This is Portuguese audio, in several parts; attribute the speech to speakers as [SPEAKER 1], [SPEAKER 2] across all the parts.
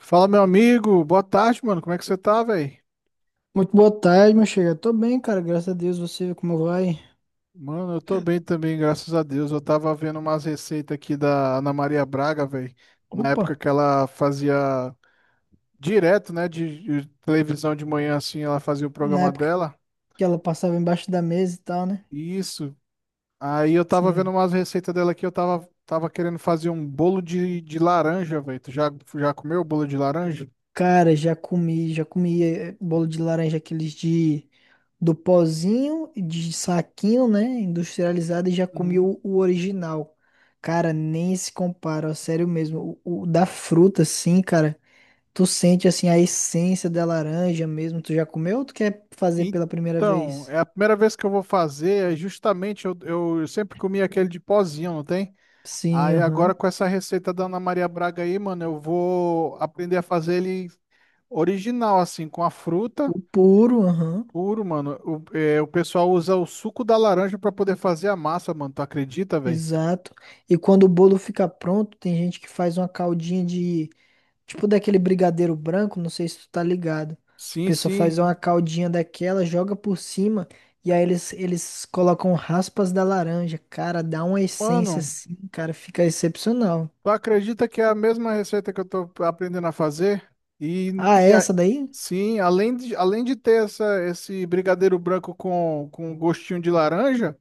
[SPEAKER 1] Fala, meu amigo. Boa tarde, mano. Como é que você tá, velho?
[SPEAKER 2] Muito boa tarde, meu chega. Tô bem, cara, graças a Deus. Você, como vai?
[SPEAKER 1] Mano, eu tô bem também, graças a Deus. Eu tava vendo umas receitas aqui da Ana Maria Braga, velho. Na
[SPEAKER 2] Opa!
[SPEAKER 1] época que ela fazia direto, né, de televisão de manhã, assim, ela fazia o
[SPEAKER 2] Na
[SPEAKER 1] programa
[SPEAKER 2] época
[SPEAKER 1] dela.
[SPEAKER 2] que ela passava embaixo da mesa e tal, né?
[SPEAKER 1] Isso. Aí eu tava vendo
[SPEAKER 2] Sim.
[SPEAKER 1] umas receitas dela aqui. Eu tava querendo fazer um bolo de laranja, velho. Já comeu bolo de laranja?
[SPEAKER 2] Cara, já comi bolo de laranja, aqueles de do pozinho, de saquinho, né? Industrializado, e já comi
[SPEAKER 1] Uhum.
[SPEAKER 2] o original. Cara, nem se compara, ó, sério mesmo. O da fruta, sim, cara. Tu sente, assim, a essência da laranja mesmo. Tu já comeu ou tu quer fazer pela primeira
[SPEAKER 1] Então,
[SPEAKER 2] vez?
[SPEAKER 1] é a primeira vez que eu vou fazer. É justamente, eu sempre comi aquele de pozinho, não tem?
[SPEAKER 2] Sim,
[SPEAKER 1] Aí agora
[SPEAKER 2] aham.
[SPEAKER 1] com essa receita da Ana Maria Braga aí, mano, eu vou aprender a fazer ele original, assim, com a fruta
[SPEAKER 2] O puro, aham,
[SPEAKER 1] puro, mano. O, é, o pessoal usa o suco da laranja pra poder fazer a massa, mano. Tu acredita, velho?
[SPEAKER 2] exato. E quando o bolo fica pronto, tem gente que faz uma caldinha de, tipo daquele brigadeiro branco, não sei se tu tá ligado. A
[SPEAKER 1] Sim,
[SPEAKER 2] pessoa faz
[SPEAKER 1] sim.
[SPEAKER 2] uma caldinha daquela, joga por cima, e aí eles colocam raspas da laranja. Cara, dá uma essência
[SPEAKER 1] Mano,
[SPEAKER 2] assim, cara, fica excepcional.
[SPEAKER 1] tu acredita que é a mesma receita que eu tô aprendendo a fazer? E,
[SPEAKER 2] Ah,
[SPEAKER 1] e
[SPEAKER 2] é
[SPEAKER 1] a-
[SPEAKER 2] essa daí?
[SPEAKER 1] sim, além de ter esse brigadeiro branco com gostinho de laranja.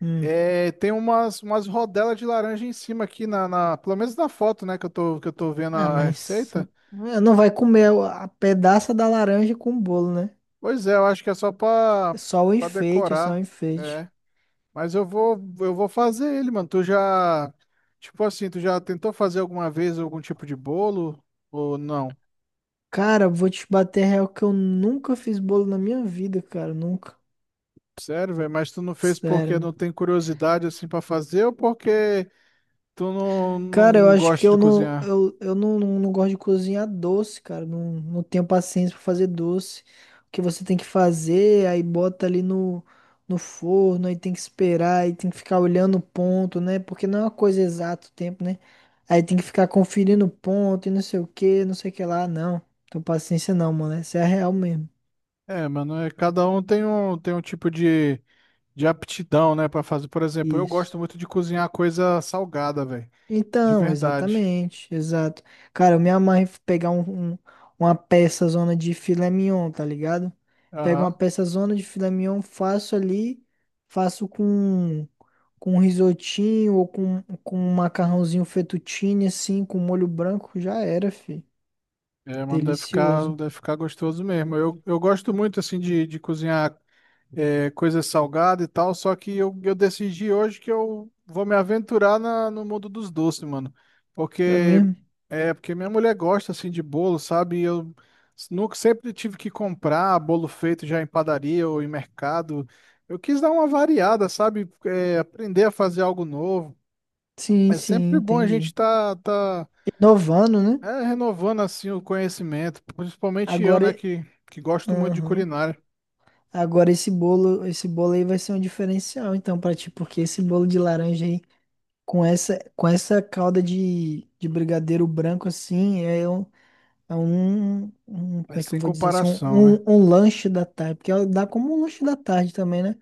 [SPEAKER 2] Hum.
[SPEAKER 1] É, tem umas rodelas de laranja em cima aqui, pelo menos na foto, né, que eu tô vendo
[SPEAKER 2] Ah,
[SPEAKER 1] a
[SPEAKER 2] mas
[SPEAKER 1] receita.
[SPEAKER 2] não vai comer a pedaça da laranja com o bolo, né?
[SPEAKER 1] Pois é, eu acho que é só
[SPEAKER 2] É só o
[SPEAKER 1] pra
[SPEAKER 2] enfeite, é só o
[SPEAKER 1] decorar.
[SPEAKER 2] enfeite.
[SPEAKER 1] É. Mas eu vou, eu vou fazer ele, mano. Tipo assim, tu já tentou fazer alguma vez algum tipo de bolo? Ou não?
[SPEAKER 2] Cara, vou te bater real que eu nunca fiz bolo na minha vida, cara, nunca.
[SPEAKER 1] Sério, velho? Mas tu não fez porque
[SPEAKER 2] Sério.
[SPEAKER 1] não tem curiosidade, assim, pra fazer ou porque tu não,
[SPEAKER 2] Cara, eu
[SPEAKER 1] não
[SPEAKER 2] acho que
[SPEAKER 1] gosta
[SPEAKER 2] eu
[SPEAKER 1] de
[SPEAKER 2] não,
[SPEAKER 1] cozinhar?
[SPEAKER 2] eu, eu não, não, não gosto de cozinhar doce, cara. Não, não tenho paciência pra fazer doce. O que você tem que fazer, aí bota ali no forno, aí tem que esperar, aí tem que ficar olhando o ponto, né? Porque não é uma coisa exata o tempo, né? Aí tem que ficar conferindo o ponto e não sei o que, não sei o que lá. Não, tenho paciência não, mano. Essa é a real mesmo.
[SPEAKER 1] É, mano, é, cada um tem tem um tipo de aptidão, né, pra fazer. Por exemplo, eu gosto
[SPEAKER 2] Isso.
[SPEAKER 1] muito de cozinhar coisa salgada, velho. De
[SPEAKER 2] Então,
[SPEAKER 1] verdade.
[SPEAKER 2] exatamente, exato. Cara, eu me amarro em pegar uma peça zona de filé mignon, tá ligado? Pego uma
[SPEAKER 1] Aham.
[SPEAKER 2] peça zona de filé mignon, faço ali, faço com um risotinho ou com um macarrãozinho fettuccine, assim, com molho branco, já era, fi.
[SPEAKER 1] É, mano,
[SPEAKER 2] Delicioso.
[SPEAKER 1] deve ficar gostoso mesmo. Eu gosto muito, assim, de cozinhar. É, coisa salgada e tal, só que eu decidi hoje que eu vou me aventurar no mundo dos doces, mano.
[SPEAKER 2] É
[SPEAKER 1] Porque
[SPEAKER 2] mesmo?
[SPEAKER 1] é porque minha mulher gosta assim de bolo, sabe? E eu nunca sempre tive que comprar bolo feito já em padaria ou em mercado. Eu quis dar uma variada, sabe? É, aprender a fazer algo novo.
[SPEAKER 2] Sim,
[SPEAKER 1] É
[SPEAKER 2] sim,
[SPEAKER 1] sempre bom a
[SPEAKER 2] entendi.
[SPEAKER 1] gente tá
[SPEAKER 2] Inovando, né?
[SPEAKER 1] é, renovando assim o conhecimento, principalmente eu,
[SPEAKER 2] Agora,
[SPEAKER 1] né, que gosto muito de
[SPEAKER 2] aham.
[SPEAKER 1] culinária.
[SPEAKER 2] Agora esse bolo aí vai ser um diferencial, então, pra ti, porque esse bolo de laranja aí, com com essa calda de brigadeiro branco assim, é como
[SPEAKER 1] É
[SPEAKER 2] é que eu
[SPEAKER 1] sem
[SPEAKER 2] vou dizer assim,
[SPEAKER 1] comparação, né?
[SPEAKER 2] um lanche da tarde, porque ela dá como um lanche da tarde também, né?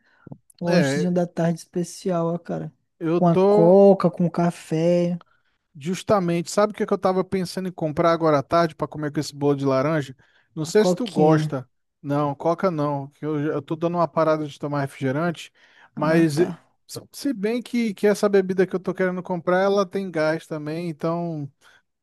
[SPEAKER 2] Um lanchezinho
[SPEAKER 1] É,
[SPEAKER 2] da tarde especial, ó, cara.
[SPEAKER 1] eu
[SPEAKER 2] Com a
[SPEAKER 1] tô
[SPEAKER 2] coca, com o café,
[SPEAKER 1] justamente, sabe o que que eu tava pensando em comprar agora à tarde para comer com esse bolo de laranja? Não
[SPEAKER 2] a
[SPEAKER 1] sei se tu
[SPEAKER 2] coquinha.
[SPEAKER 1] gosta. Não, Coca não, que eu tô dando uma parada de tomar refrigerante,
[SPEAKER 2] Ah,
[SPEAKER 1] mas
[SPEAKER 2] tá.
[SPEAKER 1] se se bem que essa bebida que eu tô querendo comprar, ela tem gás também, então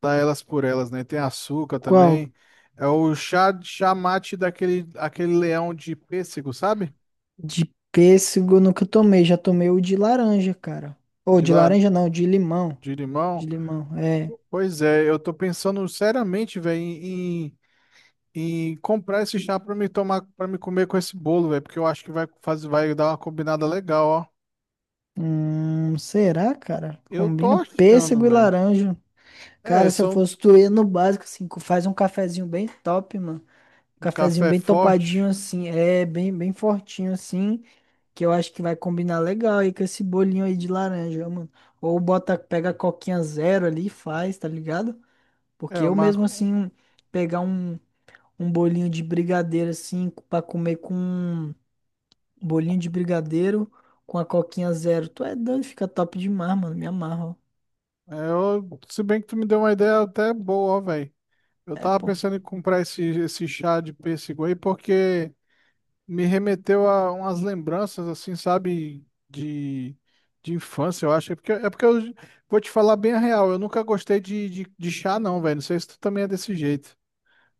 [SPEAKER 1] dá elas por elas, né? Tem açúcar
[SPEAKER 2] Qual?
[SPEAKER 1] também. É o chá mate daquele aquele leão de pêssego, sabe?
[SPEAKER 2] De pêssego eu nunca tomei, já tomei o de laranja, cara. Ou
[SPEAKER 1] De
[SPEAKER 2] de
[SPEAKER 1] lá,
[SPEAKER 2] laranja não, de limão.
[SPEAKER 1] de limão.
[SPEAKER 2] De limão, é.
[SPEAKER 1] Pois é, eu tô pensando seriamente, velho, em, e comprar esse chá pra me tomar, para me comer com esse bolo, velho, porque eu acho que vai dar uma combinada legal, ó.
[SPEAKER 2] Será, cara?
[SPEAKER 1] Eu tô
[SPEAKER 2] Combina pêssego
[SPEAKER 1] achando,
[SPEAKER 2] e
[SPEAKER 1] velho.
[SPEAKER 2] laranja.
[SPEAKER 1] É,
[SPEAKER 2] Cara, se eu
[SPEAKER 1] são
[SPEAKER 2] fosse tu, ia no básico, assim, faz um cafezinho bem top, mano. Um cafezinho
[SPEAKER 1] café
[SPEAKER 2] bem topadinho,
[SPEAKER 1] forte.
[SPEAKER 2] assim, bem, bem fortinho, assim, que eu acho que vai combinar legal aí com esse bolinho aí de laranja, mano. Ou bota, pega a coquinha zero ali e faz, tá ligado?
[SPEAKER 1] É,
[SPEAKER 2] Porque eu
[SPEAKER 1] uma,
[SPEAKER 2] mesmo, assim, pegar um bolinho de brigadeiro, assim, pra comer com um bolinho de brigadeiro com a coquinha zero. Tu é doido, fica top demais, mano, me amarro.
[SPEAKER 1] é, eu, se bem que tu me deu uma ideia até boa, ó, velho. Eu
[SPEAKER 2] É,
[SPEAKER 1] tava
[SPEAKER 2] pô.
[SPEAKER 1] pensando em comprar esse chá de pêssego aí porque me remeteu a umas lembranças, assim, sabe, de infância, eu acho. É porque eu vou te falar bem a real, eu nunca gostei de chá, não, velho. Não sei se tu também é desse jeito.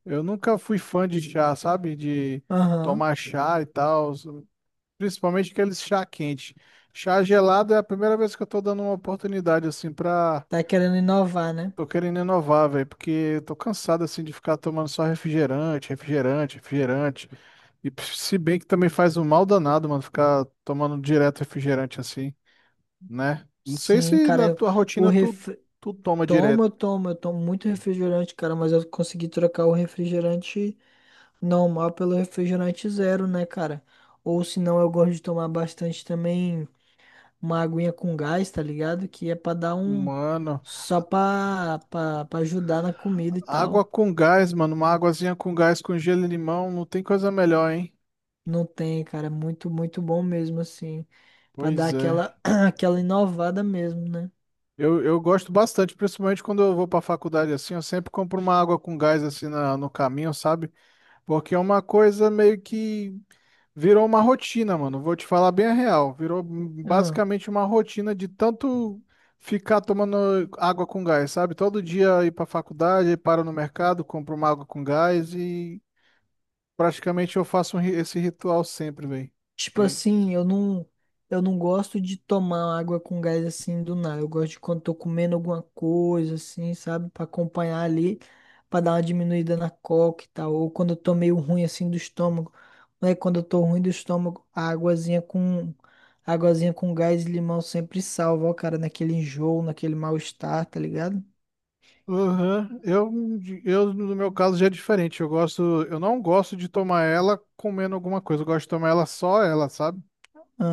[SPEAKER 1] Eu nunca fui fã de chá, sabe? De
[SPEAKER 2] Aham.
[SPEAKER 1] tomar chá e tal, principalmente aqueles chá quente. Chá gelado é a primeira vez que eu tô dando uma oportunidade assim pra.
[SPEAKER 2] Tá querendo inovar, né?
[SPEAKER 1] Tô querendo inovar, velho, porque eu tô cansado assim de ficar tomando só refrigerante, refrigerante, refrigerante. Se bem que também faz um mal danado, mano, ficar tomando direto refrigerante assim, né? Não sei
[SPEAKER 2] Sim,
[SPEAKER 1] se
[SPEAKER 2] cara,
[SPEAKER 1] na tua
[SPEAKER 2] o
[SPEAKER 1] rotina
[SPEAKER 2] ref...
[SPEAKER 1] tu toma
[SPEAKER 2] toma,
[SPEAKER 1] direto.
[SPEAKER 2] eu tomo muito refrigerante, cara, mas eu consegui trocar o refrigerante normal pelo refrigerante zero, né, cara? Ou se não, eu gosto de tomar bastante também uma aguinha com gás, tá ligado? Que é pra dar um.
[SPEAKER 1] Mano,
[SPEAKER 2] Só pra ajudar na comida e tal.
[SPEAKER 1] água com gás, mano. Uma águazinha com gás, com gelo e limão, não tem coisa melhor, hein?
[SPEAKER 2] Não tem, cara, é muito, muito bom mesmo, assim. Pra dar
[SPEAKER 1] Pois é.
[SPEAKER 2] aquela, aquela inovada mesmo, né?
[SPEAKER 1] Eu gosto bastante, principalmente quando eu vou pra faculdade assim, eu sempre compro uma água com gás assim no caminho, sabe? Porque é uma coisa meio que virou uma rotina, mano. Vou te falar bem a real. Virou basicamente uma rotina de tanto ficar tomando água com gás, sabe? Todo dia ir pra faculdade, paro no mercado, compro uma água com gás e praticamente eu faço esse ritual sempre, velho.
[SPEAKER 2] Tipo assim, eu não gosto de tomar água com gás assim do nada. Eu gosto de quando tô comendo alguma coisa assim, sabe? Pra acompanhar ali, pra dar uma diminuída na coca e tal. Ou quando eu tô meio ruim assim do estômago. Né? Quando eu tô ruim do estômago, a águazinha com gás e limão sempre salva, ó, cara, naquele enjoo, naquele mal-estar, tá ligado?
[SPEAKER 1] Aham. No meu caso, já é diferente. Eu gosto, eu não gosto de tomar ela comendo alguma coisa. Eu gosto de tomar ela só ela, sabe?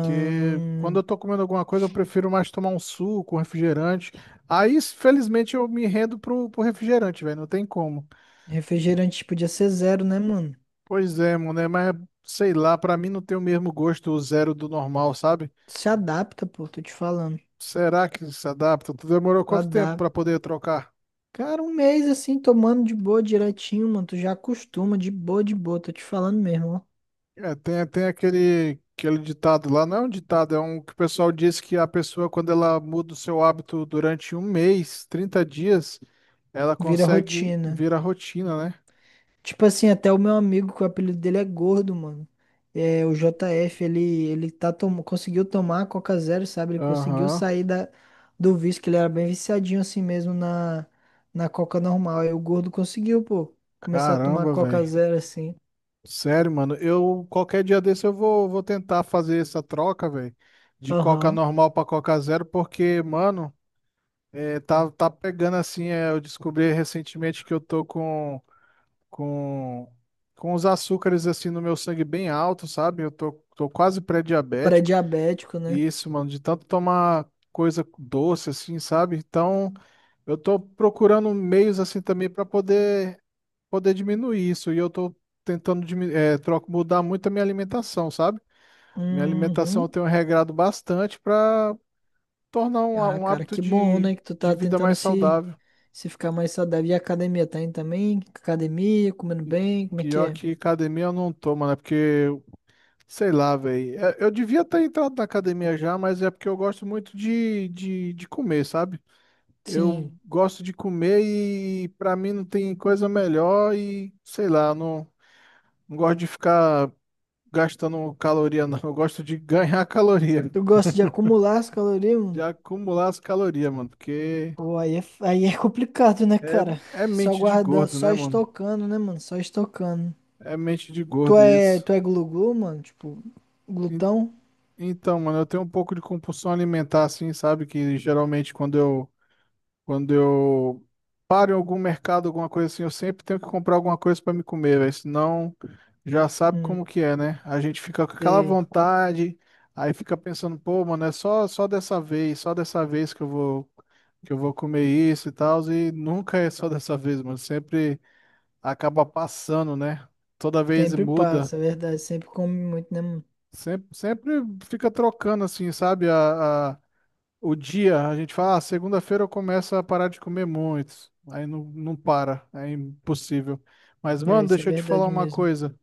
[SPEAKER 1] Porque quando eu tô comendo alguma coisa, eu prefiro mais tomar um suco, um refrigerante. Aí, felizmente, eu me rendo pro refrigerante, velho. Não tem como.
[SPEAKER 2] refrigerante podia ser zero, né, mano?
[SPEAKER 1] Pois é, mano, né? Mas sei lá, pra mim não tem o mesmo gosto o zero do normal, sabe?
[SPEAKER 2] Se adapta, pô, tô te falando.
[SPEAKER 1] Será que se adapta? Tu demorou quanto tempo
[SPEAKER 2] Adapta.
[SPEAKER 1] pra poder trocar?
[SPEAKER 2] Cara, um mês assim, tomando de boa direitinho, mano. Tu já acostuma, de boa, de boa. Tô te falando mesmo, ó.
[SPEAKER 1] É, tem, tem aquele, aquele ditado lá, não é um ditado, é um que o pessoal diz que a pessoa, quando ela muda o seu hábito durante um mês, 30 dias, ela
[SPEAKER 2] Vira
[SPEAKER 1] consegue
[SPEAKER 2] rotina.
[SPEAKER 1] virar rotina, né?
[SPEAKER 2] Tipo assim, até o meu amigo, que o apelido dele é gordo, mano. É, o JF, ele tá tom... conseguiu tomar a Coca Zero, sabe? Ele conseguiu
[SPEAKER 1] Aham.
[SPEAKER 2] sair da... do vício, que ele era bem viciadinho assim mesmo na Coca normal. Aí o gordo conseguiu, pô, começar a tomar
[SPEAKER 1] Caramba,
[SPEAKER 2] Coca
[SPEAKER 1] velho.
[SPEAKER 2] Zero assim.
[SPEAKER 1] Sério, mano. Eu, qualquer dia desse, vou tentar fazer essa troca, velho, de Coca
[SPEAKER 2] Aham.
[SPEAKER 1] normal pra Coca zero, porque, mano, é, tá pegando assim. É, eu descobri recentemente que eu tô com com, com os açúcares assim no meu sangue bem alto, sabe? Tô quase pré-diabético.
[SPEAKER 2] Pré-diabético, né?
[SPEAKER 1] E isso, mano, de tanto tomar coisa doce assim, sabe? Então, eu tô procurando meios assim também para poder diminuir isso. E eu tô troco, mudar muito a minha alimentação, sabe? Minha alimentação eu
[SPEAKER 2] Uhum.
[SPEAKER 1] tenho regrado bastante para tornar
[SPEAKER 2] Ah,
[SPEAKER 1] um
[SPEAKER 2] cara,
[SPEAKER 1] hábito
[SPEAKER 2] que bom, né? Que tu
[SPEAKER 1] de
[SPEAKER 2] tá
[SPEAKER 1] vida
[SPEAKER 2] tentando
[SPEAKER 1] mais
[SPEAKER 2] se,
[SPEAKER 1] saudável.
[SPEAKER 2] se ficar mais saudável. E a academia, tá indo também? Academia, comendo bem, como é que
[SPEAKER 1] Pior
[SPEAKER 2] é?
[SPEAKER 1] que academia eu não tô, mano, é porque sei lá, velho. Eu devia ter entrado na academia já, mas é porque eu gosto muito de comer, sabe? Eu
[SPEAKER 2] Sim.
[SPEAKER 1] gosto de comer e pra mim não tem coisa melhor e sei lá, eu não, não gosto de ficar gastando caloria, não. Eu gosto de ganhar caloria,
[SPEAKER 2] Tu gosta de acumular as calorias,
[SPEAKER 1] de
[SPEAKER 2] mano?
[SPEAKER 1] acumular as calorias, mano, porque
[SPEAKER 2] Pô, aí é complicado, né,
[SPEAKER 1] é,
[SPEAKER 2] cara?
[SPEAKER 1] é
[SPEAKER 2] Só
[SPEAKER 1] mente de
[SPEAKER 2] guardando,
[SPEAKER 1] gordo,
[SPEAKER 2] só
[SPEAKER 1] né, mano?
[SPEAKER 2] estocando, né, mano? Só estocando.
[SPEAKER 1] É mente de gordo isso.
[SPEAKER 2] Tu é glu-glu, mano? Tipo,
[SPEAKER 1] En-
[SPEAKER 2] glutão?
[SPEAKER 1] então, mano, eu tenho um pouco de compulsão alimentar, assim, sabe? Que geralmente quando eu paro em algum mercado, alguma coisa assim, eu sempre tenho que comprar alguma coisa para me comer, velho. Senão, já sabe como
[SPEAKER 2] Hum,
[SPEAKER 1] que é, né? A gente fica com aquela
[SPEAKER 2] sei.
[SPEAKER 1] vontade, aí fica pensando, pô, mano, é só, só dessa vez que eu vou comer isso e tal. E nunca é só dessa vez, mano. Sempre acaba passando, né? Toda vez
[SPEAKER 2] Sempre
[SPEAKER 1] muda.
[SPEAKER 2] passa, é verdade. Sempre come muito, né, mano?
[SPEAKER 1] Sempre fica trocando, assim, sabe? O dia, a gente fala, ah, segunda-feira eu começo a parar de comer muito. Aí não para, é impossível. Mas,
[SPEAKER 2] É,
[SPEAKER 1] mano,
[SPEAKER 2] isso é
[SPEAKER 1] deixa eu te falar
[SPEAKER 2] verdade
[SPEAKER 1] uma
[SPEAKER 2] mesmo.
[SPEAKER 1] coisa.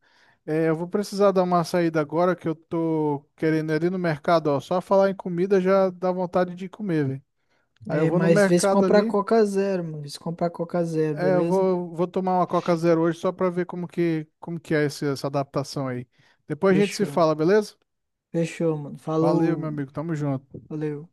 [SPEAKER 1] É, eu vou precisar dar uma saída agora que eu tô querendo ir ali no mercado, ó. Só falar em comida já dá vontade de comer, velho. Aí eu
[SPEAKER 2] É,
[SPEAKER 1] vou no
[SPEAKER 2] mas vê se
[SPEAKER 1] mercado
[SPEAKER 2] comprar
[SPEAKER 1] ali,
[SPEAKER 2] Coca Zero, mano. Vê se comprar Coca Zero,
[SPEAKER 1] é,
[SPEAKER 2] beleza?
[SPEAKER 1] vou tomar uma Coca Zero hoje só pra ver como que é essa adaptação aí. Depois a gente se
[SPEAKER 2] Fechou.
[SPEAKER 1] fala, beleza?
[SPEAKER 2] Fechou, mano.
[SPEAKER 1] Valeu, meu
[SPEAKER 2] Falou.
[SPEAKER 1] amigo. Tamo junto.
[SPEAKER 2] Valeu.